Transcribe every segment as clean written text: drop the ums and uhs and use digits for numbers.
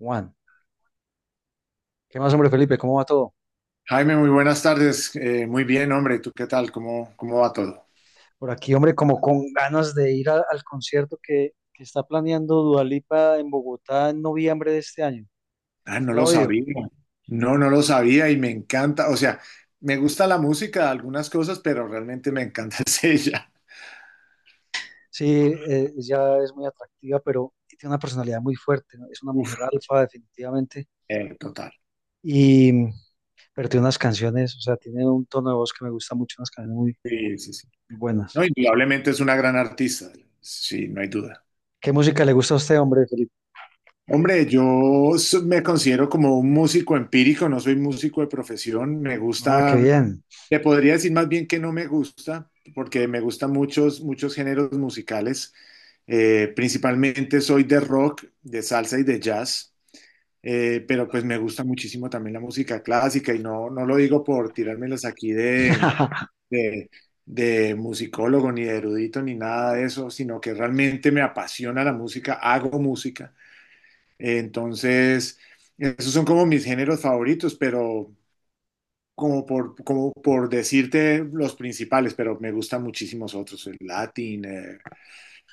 Juan, ¿qué más, hombre, Felipe? ¿Cómo va todo? Jaime, muy buenas tardes. Muy bien, hombre. ¿Tú qué tal? ¿Cómo va todo? Por aquí, hombre, como con ganas de ir al concierto que está planeando Dua Lipa en Bogotá en noviembre de este año. Ah, no ¿Usted la ha lo oído? sabía. No, no lo sabía y me encanta. O sea, me gusta la música, algunas cosas, pero realmente me encanta es ella. Sí, ella es muy atractiva, pero tiene una personalidad muy fuerte, ¿no? Es una Uf, mujer alfa, definitivamente. Total. Y, pero tiene unas canciones, o sea, tiene un tono de voz que me gusta mucho, Sí, sí, sí. muy No, buenas. indudablemente es una gran artista. Sí, no hay duda. ¿Qué música le gusta a usted, hombre, Felipe? Hombre, me considero como un músico empírico, no soy músico de profesión. Me Ah, qué gusta. bien. Te podría decir más bien que no me gusta, porque me gustan muchos, muchos géneros musicales. Principalmente soy de rock, de salsa y de jazz, pero pues me gusta muchísimo también la música clásica y no, no lo digo por tirármelas aquí de, de musicólogo ni de erudito ni nada de eso, sino que realmente me apasiona la música, hago música. Entonces, esos son como mis géneros favoritos, pero como por decirte los principales, pero me gustan muchísimos otros, el Latin,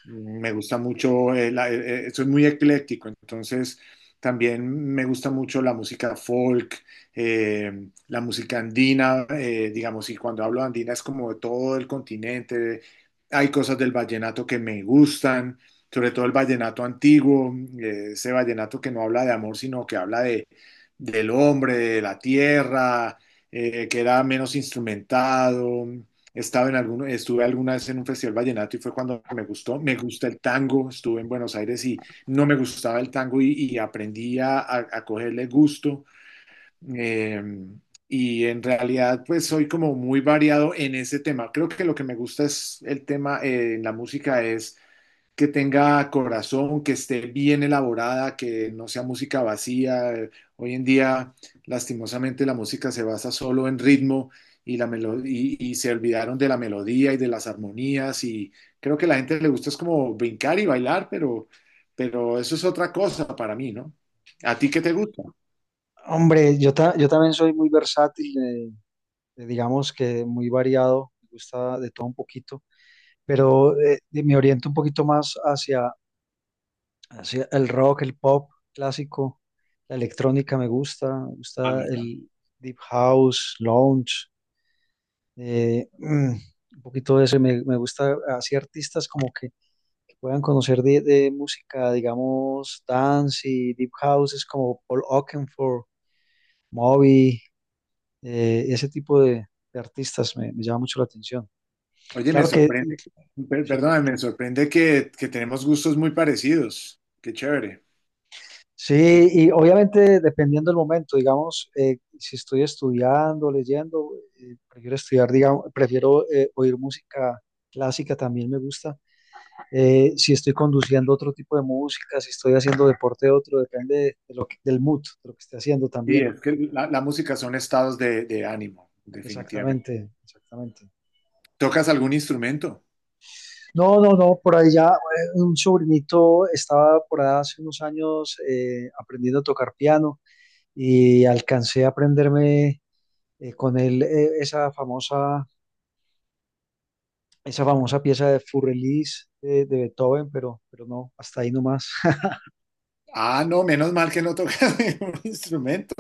me gusta mucho, soy muy ecléctico, entonces también me gusta mucho la música folk, eh, la música andina, digamos, y cuando hablo de andina es como de todo el continente. Hay cosas del vallenato que me gustan, sobre todo el vallenato antiguo, ese vallenato que no habla de amor, sino que habla del hombre, de la tierra, que era menos instrumentado. Estuve alguna vez en un festival vallenato y fue cuando me gustó. Me gusta el tango, estuve en Buenos Aires y no me gustaba el tango y aprendí a cogerle gusto. Eh, y en realidad, pues soy como muy variado en ese tema. Creo que lo que me gusta es el tema en la música es que tenga corazón, que esté bien elaborada, que no sea música vacía. Hoy en día, lastimosamente, la música se basa solo en ritmo y se olvidaron de la melodía y de las armonías y creo que a la gente le gusta es como brincar y bailar, pero eso es otra cosa para mí, ¿no? ¿A ti qué te gusta? Hombre, yo también soy muy versátil. Digamos que muy variado, me gusta de todo un poquito, pero me oriento un poquito más hacia el rock, el pop clásico, la electrónica me A gusta mí también. el deep house, lounge, eh, mm, un poquito de ese, me gusta así artistas que puedan conocer de música, digamos, dance y deep house, es como Paul Oakenfold, Moby, ese tipo de artistas me llama mucho la atención. Oye, me Claro que sorprende, sí. perdóname, me sorprende que tenemos gustos muy parecidos. Qué chévere. Sí, y obviamente dependiendo del momento, digamos, si estoy estudiando, leyendo, prefiero estudiar, digamos, prefiero oír música clásica, también me gusta. Si estoy conduciendo otro tipo de música, si estoy haciendo deporte otro, depende lo del mood, de lo que esté haciendo Sí, también. es que la música son estados de ánimo, definitivamente. Exactamente, exactamente. ¿Tocas algún instrumento? No, no, no, por ahí ya un sobrinito estaba por ahí hace unos años aprendiendo a tocar piano y alcancé a aprenderme con él esa famosa pieza de Furrelis de Beethoven, pero no, hasta ahí nomás. Ah, no, menos mal que no tocas ningún instrumento,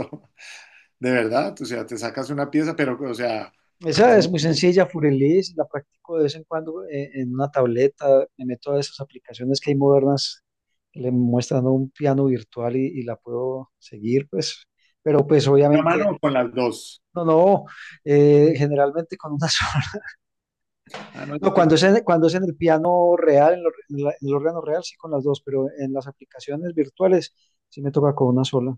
de verdad. O sea, te sacas una pieza, pero, o sea, es Esa muy es muy complicado. sencilla, Furrelis, la practico de vez en cuando en una tableta, me meto a esas aplicaciones que hay modernas que le muestran un piano virtual y la puedo seguir, pues, pero pues ¿Con una obviamente... mano o con las dos? No, no, generalmente con una sola. Ah, no, No, cuando es en el piano real, en, lo- en la- en el órgano real, sí con las dos, pero en las aplicaciones virtuales sí me toca con una sola.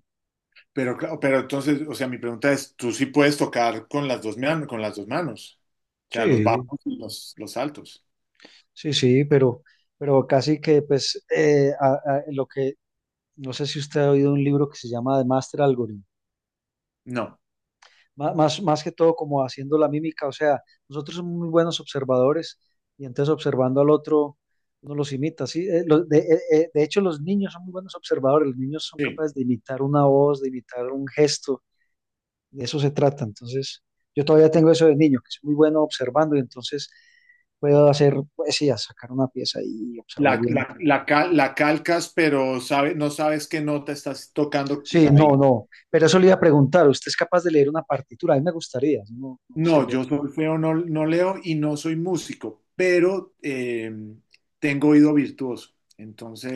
pero, claro, pero entonces, o sea, mi pregunta es, ¿tú sí puedes tocar con las dos, con las dos manos? O sea, los Sí, bajos y los altos. sí, sí, pero casi que, pues, lo que, no sé si usted ha oído un libro que se llama The Master Algorithm. No, Más, más que todo como haciendo la mímica, o sea, nosotros somos muy buenos observadores y entonces observando al otro, uno los imita, sí. De hecho los niños son muy buenos observadores, los niños son sí. capaces de imitar una voz, de imitar un gesto, de eso se trata, entonces yo todavía tengo eso de niño, que es muy bueno observando y entonces puedo hacer poesía, sacar una pieza y La, observar bien. la, la, cal- la calcas, pero no sabes qué nota estás tocando Sí, ahí. no, no. Pero eso le iba a preguntar, ¿usted es capaz de leer una partitura? A mí me gustaría, yo no, no sé No, leer. yo solfeo no, no leo y no soy músico, pero tengo oído virtuoso.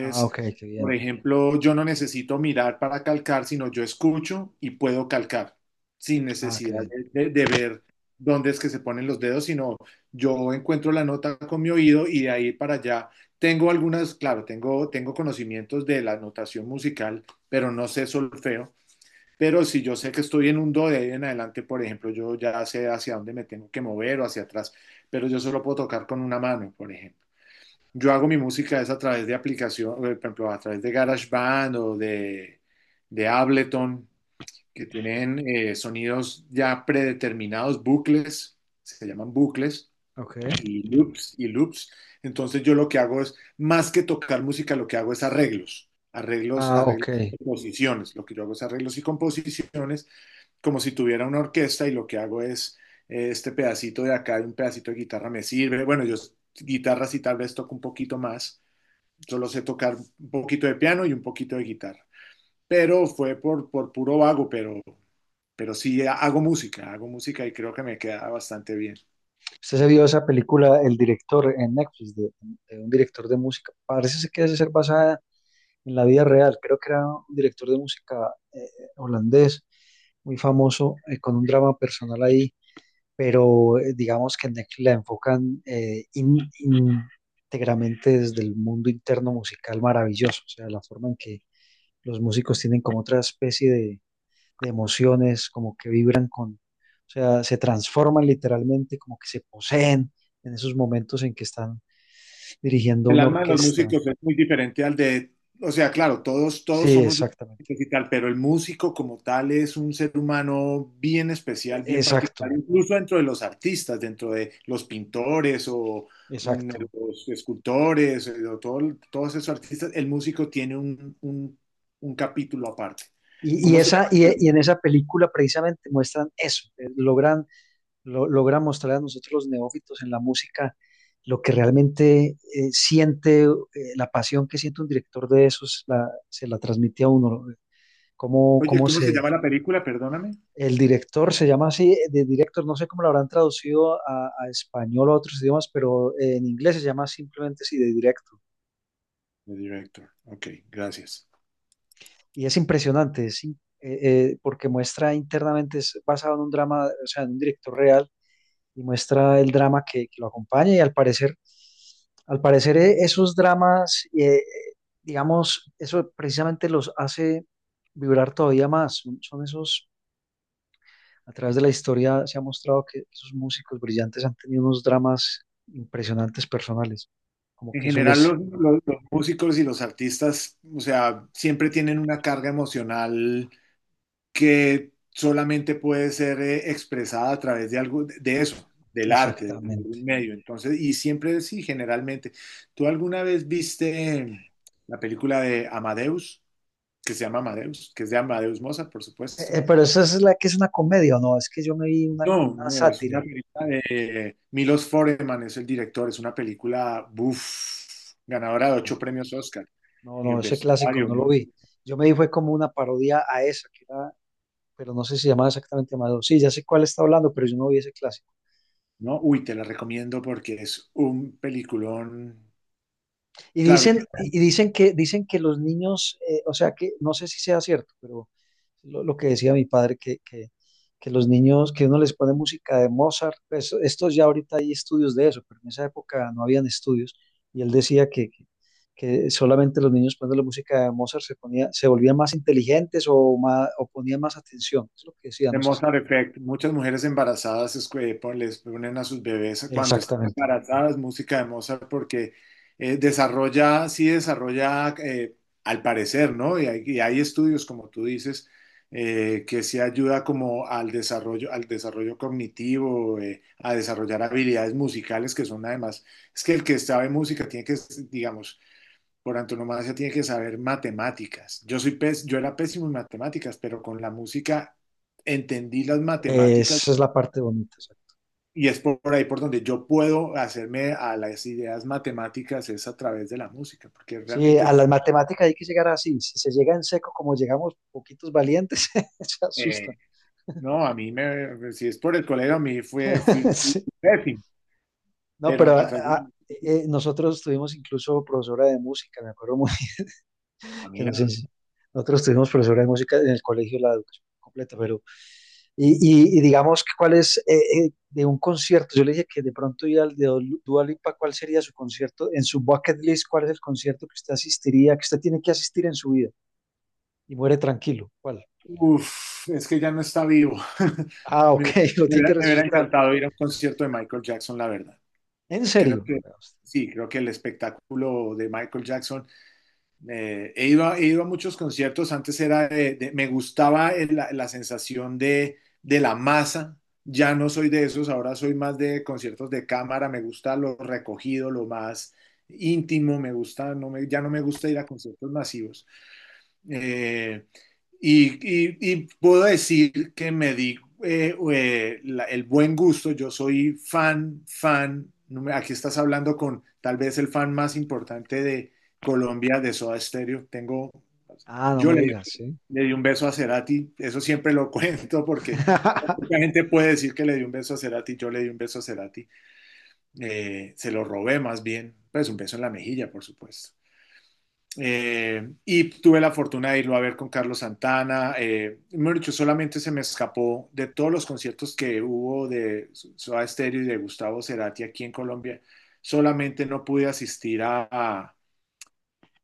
Ah, ok, qué bien. por ejemplo, yo no necesito mirar para calcar, sino yo escucho y puedo calcar sin Ah, qué necesidad bien. de ver dónde es que se ponen los dedos, sino yo encuentro la nota con mi oído y de ahí para allá. Claro, tengo conocimientos de la notación musical, pero no sé solfeo. Pero si yo sé que estoy en un do de ahí en adelante, por ejemplo, yo ya sé hacia dónde me tengo que mover o hacia atrás, pero yo solo puedo tocar con una mano, por ejemplo. Yo hago mi música es a través de aplicación, por ejemplo, a través de GarageBand o de Ableton, que tienen sonidos ya predeterminados, bucles, se llaman bucles, Ok. y loops, y loops. Entonces yo lo que hago es, más que tocar música, lo que hago es arreglos, arreglos, Ah, ok. arreglos y composiciones. Lo que yo hago es arreglos y composiciones como si tuviera una orquesta y lo que hago es este pedacito de acá y un pedacito de guitarra me sirve. Bueno, guitarra sí tal vez toco un poquito más, solo sé tocar un poquito de piano y un poquito de guitarra, pero fue por puro vago, pero sí hago música y creo que me queda bastante bien. ¿Usted se vio esa película, El director en Netflix, de un director de música? Parece ser que debe ser basada en la vida real. Creo que era un director de música holandés, muy famoso, con un drama personal ahí. Pero digamos que en Netflix la enfocan íntegramente desde el mundo interno musical maravilloso, o sea, la forma en que los músicos tienen como otra especie de emociones, como que vibran con, o sea, se transforman literalmente, como que se poseen en esos momentos en que están dirigiendo El una alma de los orquesta. músicos es muy diferente al de, o sea, claro, todos, Sí, todos somos exactamente. diferentes y tal, pero el músico como tal es un ser humano bien especial, bien Exacto, particular, incluso dentro de los artistas, dentro de los pintores o de exacto. los escultores, o todos esos artistas, el músico tiene un capítulo aparte. ¿Cómo se llama? Y en esa película precisamente muestran eso, logra mostrar a nosotros los neófitos en la música lo que realmente siente, la pasión que siente un director de esos, se la transmite a uno. Eh, ¿Cómo, Oye, cómo ¿cómo se se, llama la película? Perdóname. el director se llama así, de director, no sé cómo lo habrán traducido a español o a otros idiomas, pero en inglés se llama simplemente así, de directo. The Director. Ok, gracias. Y es impresionante, porque muestra internamente, es basado en un drama, o sea, en un director real y muestra el drama que lo acompaña y al parecer esos dramas, digamos, eso precisamente los hace vibrar todavía más. Son, son esos, a través de la historia se ha mostrado que esos músicos brillantes han tenido unos dramas impresionantes personales, como En que eso general, les... los músicos y los artistas, o sea, siempre tienen una carga emocional que solamente puede ser expresada a través de algo, de eso, del arte, de algún Exactamente. medio. Entonces, y siempre sí, generalmente. ¿Tú alguna vez viste la película de Amadeus, que se llama Amadeus, que es de Amadeus Mozart, por supuesto? Pero esa es la que es una comedia, ¿o no? Es que yo me vi una, como No, una no, es una sátira. película de Milos Forman, es el director, es una película, buf, ganadora de No, 8 premios Oscar. no, Y no, ese clásico vestuario, no lo vi. Yo me vi fue como una parodia a esa, que era pero no sé si llamaba exactamente Amadeo. Sí, ya sé cuál está hablando, pero yo no vi ese clásico. ¿no? Uy, te la recomiendo porque es un peliculón. Claro, que Y dicen que los niños, o sea que, no sé si sea cierto, pero lo que decía mi padre, que los niños, que uno les pone música de Mozart, pues, estos ya ahorita hay estudios de eso, pero en esa época no habían estudios, y él decía que solamente los niños poniendo la música de Mozart ponía, se volvían más inteligentes o más, o ponían más atención, es lo que decía, de no sé si... Mozart Effect. Muchas mujeres embarazadas es que les ponen a sus bebés cuando están Exactamente, embarazadas música de Mozart porque desarrolla, sí desarrolla, al parecer, ¿no? Y hay estudios, como tú dices, que sí ayuda como al desarrollo cognitivo, a desarrollar habilidades musicales que son además, es que el que sabe música tiene que, digamos, por antonomasia tiene que saber matemáticas. Yo era pésimo en matemáticas, pero con la música entendí las matemáticas esa es la parte bonita. y es por ahí por donde yo puedo hacerme a las ideas matemáticas es a través de la música, porque Sí, realmente a las matemáticas hay que llegar así. Si se llega en seco, como llegamos poquitos valientes, se eh, asustan. no, a mí me si es por el colegio a mí fue fui Sí. pésimo, No, pero pero a través de nosotros tuvimos incluso profesora de música, me acuerdo muy ah, que nos mira, ense- nosotros tuvimos profesora de música en el colegio la educación completa, pero y, y digamos que cuál es de un concierto. Yo le dije que de pronto ir al Dua Lipa, ¿cuál sería su concierto? En su bucket list, ¿cuál es el concierto que usted asistiría, que usted tiene que asistir en su vida? Y muere tranquilo. ¿Cuál? uf, es que ya no está vivo. Ah, Me, ok, lo me tiene que hubiera me hubiera resucitar. encantado ir a un concierto de Michael Jackson, la verdad. ¿En Creo serio? que sí, creo que el espectáculo de Michael Jackson, he ido a muchos conciertos, antes era la sensación de la masa, ya no soy de esos, ahora soy más de conciertos de cámara, me gusta lo recogido, lo más íntimo, me gusta, ya no me gusta ir a conciertos masivos. Eh, y puedo decir que me di el buen gusto. Yo soy fan, fan. No, Aquí estás hablando con tal vez el fan más importante de Colombia, de Soda Stereo. Ah, no Yo me le, digas, sí. le di un beso a Cerati. Eso siempre lo cuento porque mucha gente puede decir que le di un beso a Cerati. Yo le di un beso a Cerati. Se lo robé más bien. Pues un beso en la mejilla, por supuesto. Y tuve la fortuna de irlo a ver con Carlos Santana. Mejor dicho, solamente se me escapó de todos los conciertos que hubo de Soda Stereo y de Gustavo Cerati aquí en Colombia. Solamente no pude asistir a, a,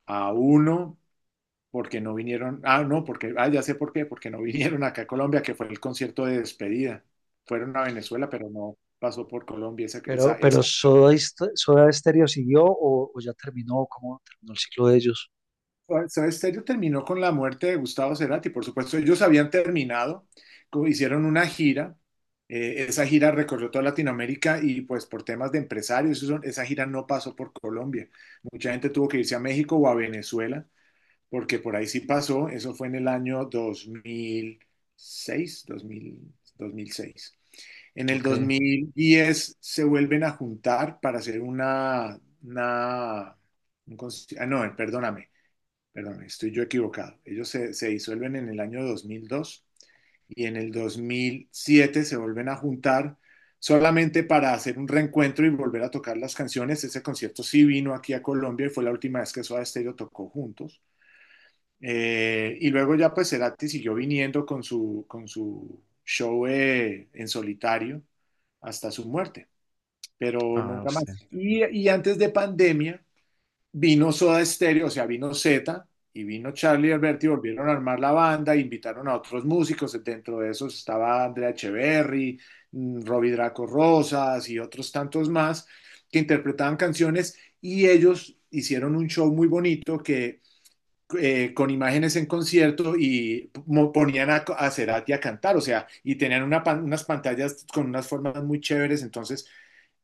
a uno porque no vinieron. Ah, no, porque ya sé por qué, porque no vinieron acá a Colombia, que fue el concierto de despedida. Fueron a Venezuela, pero no pasó por Colombia esa, esa, pero esa Soda Stereo siguió o ya terminó, ¿cómo terminó el ciclo de ellos? Soda Stereo terminó con la muerte de Gustavo Cerati, por supuesto. Ellos habían terminado, hicieron una gira. Esa gira recorrió toda Latinoamérica y pues por temas de empresarios, esa gira no pasó por Colombia. Mucha gente tuvo que irse a México o a Venezuela, porque por ahí sí pasó. Eso fue en el año seis dos mil 2006. En el Ok. 2010 se vuelven a juntar para hacer una ah, no, perdón, estoy yo equivocado. Ellos se disuelven en el año 2002 y en el 2007 se vuelven a juntar solamente para hacer un reencuentro y volver a tocar las canciones. Ese concierto sí vino aquí a Colombia y fue la última vez que Soda Stereo tocó juntos. Y luego ya pues Cerati siguió viniendo con su show en solitario hasta su muerte, pero Ah, nunca más. sí. Y antes de pandemia, vino Soda Stereo, o sea, vino Zeta y vino Charlie y Alberti, volvieron a armar la banda, invitaron a otros músicos, dentro de esos estaba Andrea Echeverry, Robbie Draco Rosas y otros tantos más que interpretaban canciones y ellos hicieron un show muy bonito que con imágenes en concierto y ponían a Cerati a cantar, o sea, y tenían unas pantallas con unas formas muy chéveres, entonces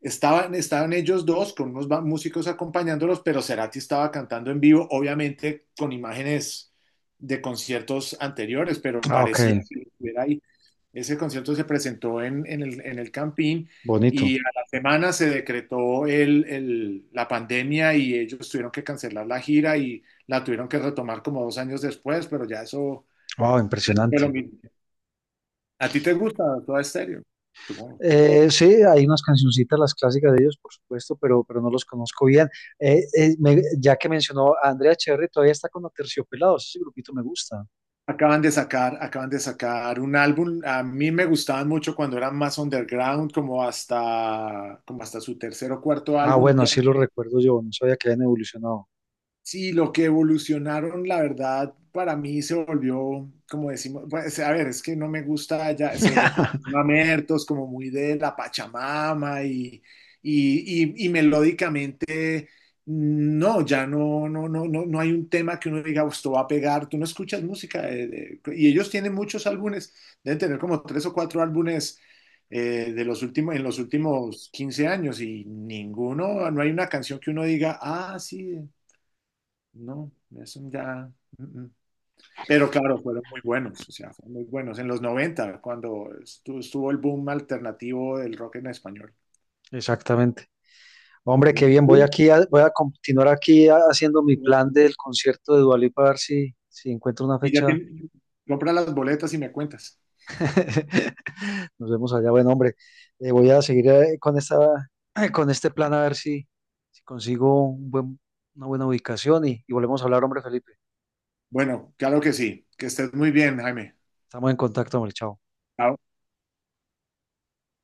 estaban ellos dos con músicos acompañándolos, pero Cerati estaba cantando en vivo, obviamente con imágenes de conciertos anteriores, pero Ah, ok. parecía que estuviera ahí. Ese concierto se presentó en el Campín Bonito. y a la semana se decretó la pandemia y ellos tuvieron que cancelar la gira y la tuvieron que retomar como 2 años después, pero ya eso Wow, fue lo impresionante. mismo. ¿A ti te gusta Toda Estéreo? Supongo. Sí, hay unas cancioncitas, las clásicas de ellos, por supuesto, pero no los conozco bien. Ya que mencionó a Andrea Cherry, todavía está con Aterciopelados. Ese grupito me gusta. Acaban de sacar un álbum. A mí me gustaban mucho cuando eran más underground, como hasta su tercer o cuarto Ah, álbum. bueno, Ya... así lo recuerdo yo. No sabía que habían evolucionado. Sí, lo que evolucionaron, la verdad, para mí se volvió, como decimos, pues, a ver, es que no me gusta ya, se volvió como muy mamertos, como muy de la Pachamama y melódicamente, no, ya no, no hay un tema que uno diga, "Oh, esto va a pegar, tú no escuchas música, y ellos tienen muchos álbumes, deben tener como tres o cuatro álbumes de los últimos, en los últimos 15 años y ninguno, no hay una canción que uno diga, ah, sí. No, eso ya. Mm, mm. Pero claro, fueron muy buenos, o sea, fueron muy buenos. En los 90 cuando estuvo el boom alternativo del rock en español. Exactamente. Hombre, qué Y bien, voy tú, voy a continuar haciendo mi eh, plan del concierto de Dua Lipa, a ver si, si encuentro una y ya fecha. tienes, compra las boletas y me cuentas. Nos vemos allá. Bueno, hombre, voy a seguir con esta, con este plan a ver si, si consigo una buena ubicación y volvemos a hablar, hombre Felipe. Bueno, claro que sí. Que estés muy bien, Jaime. Estamos en contacto, hombre, chao.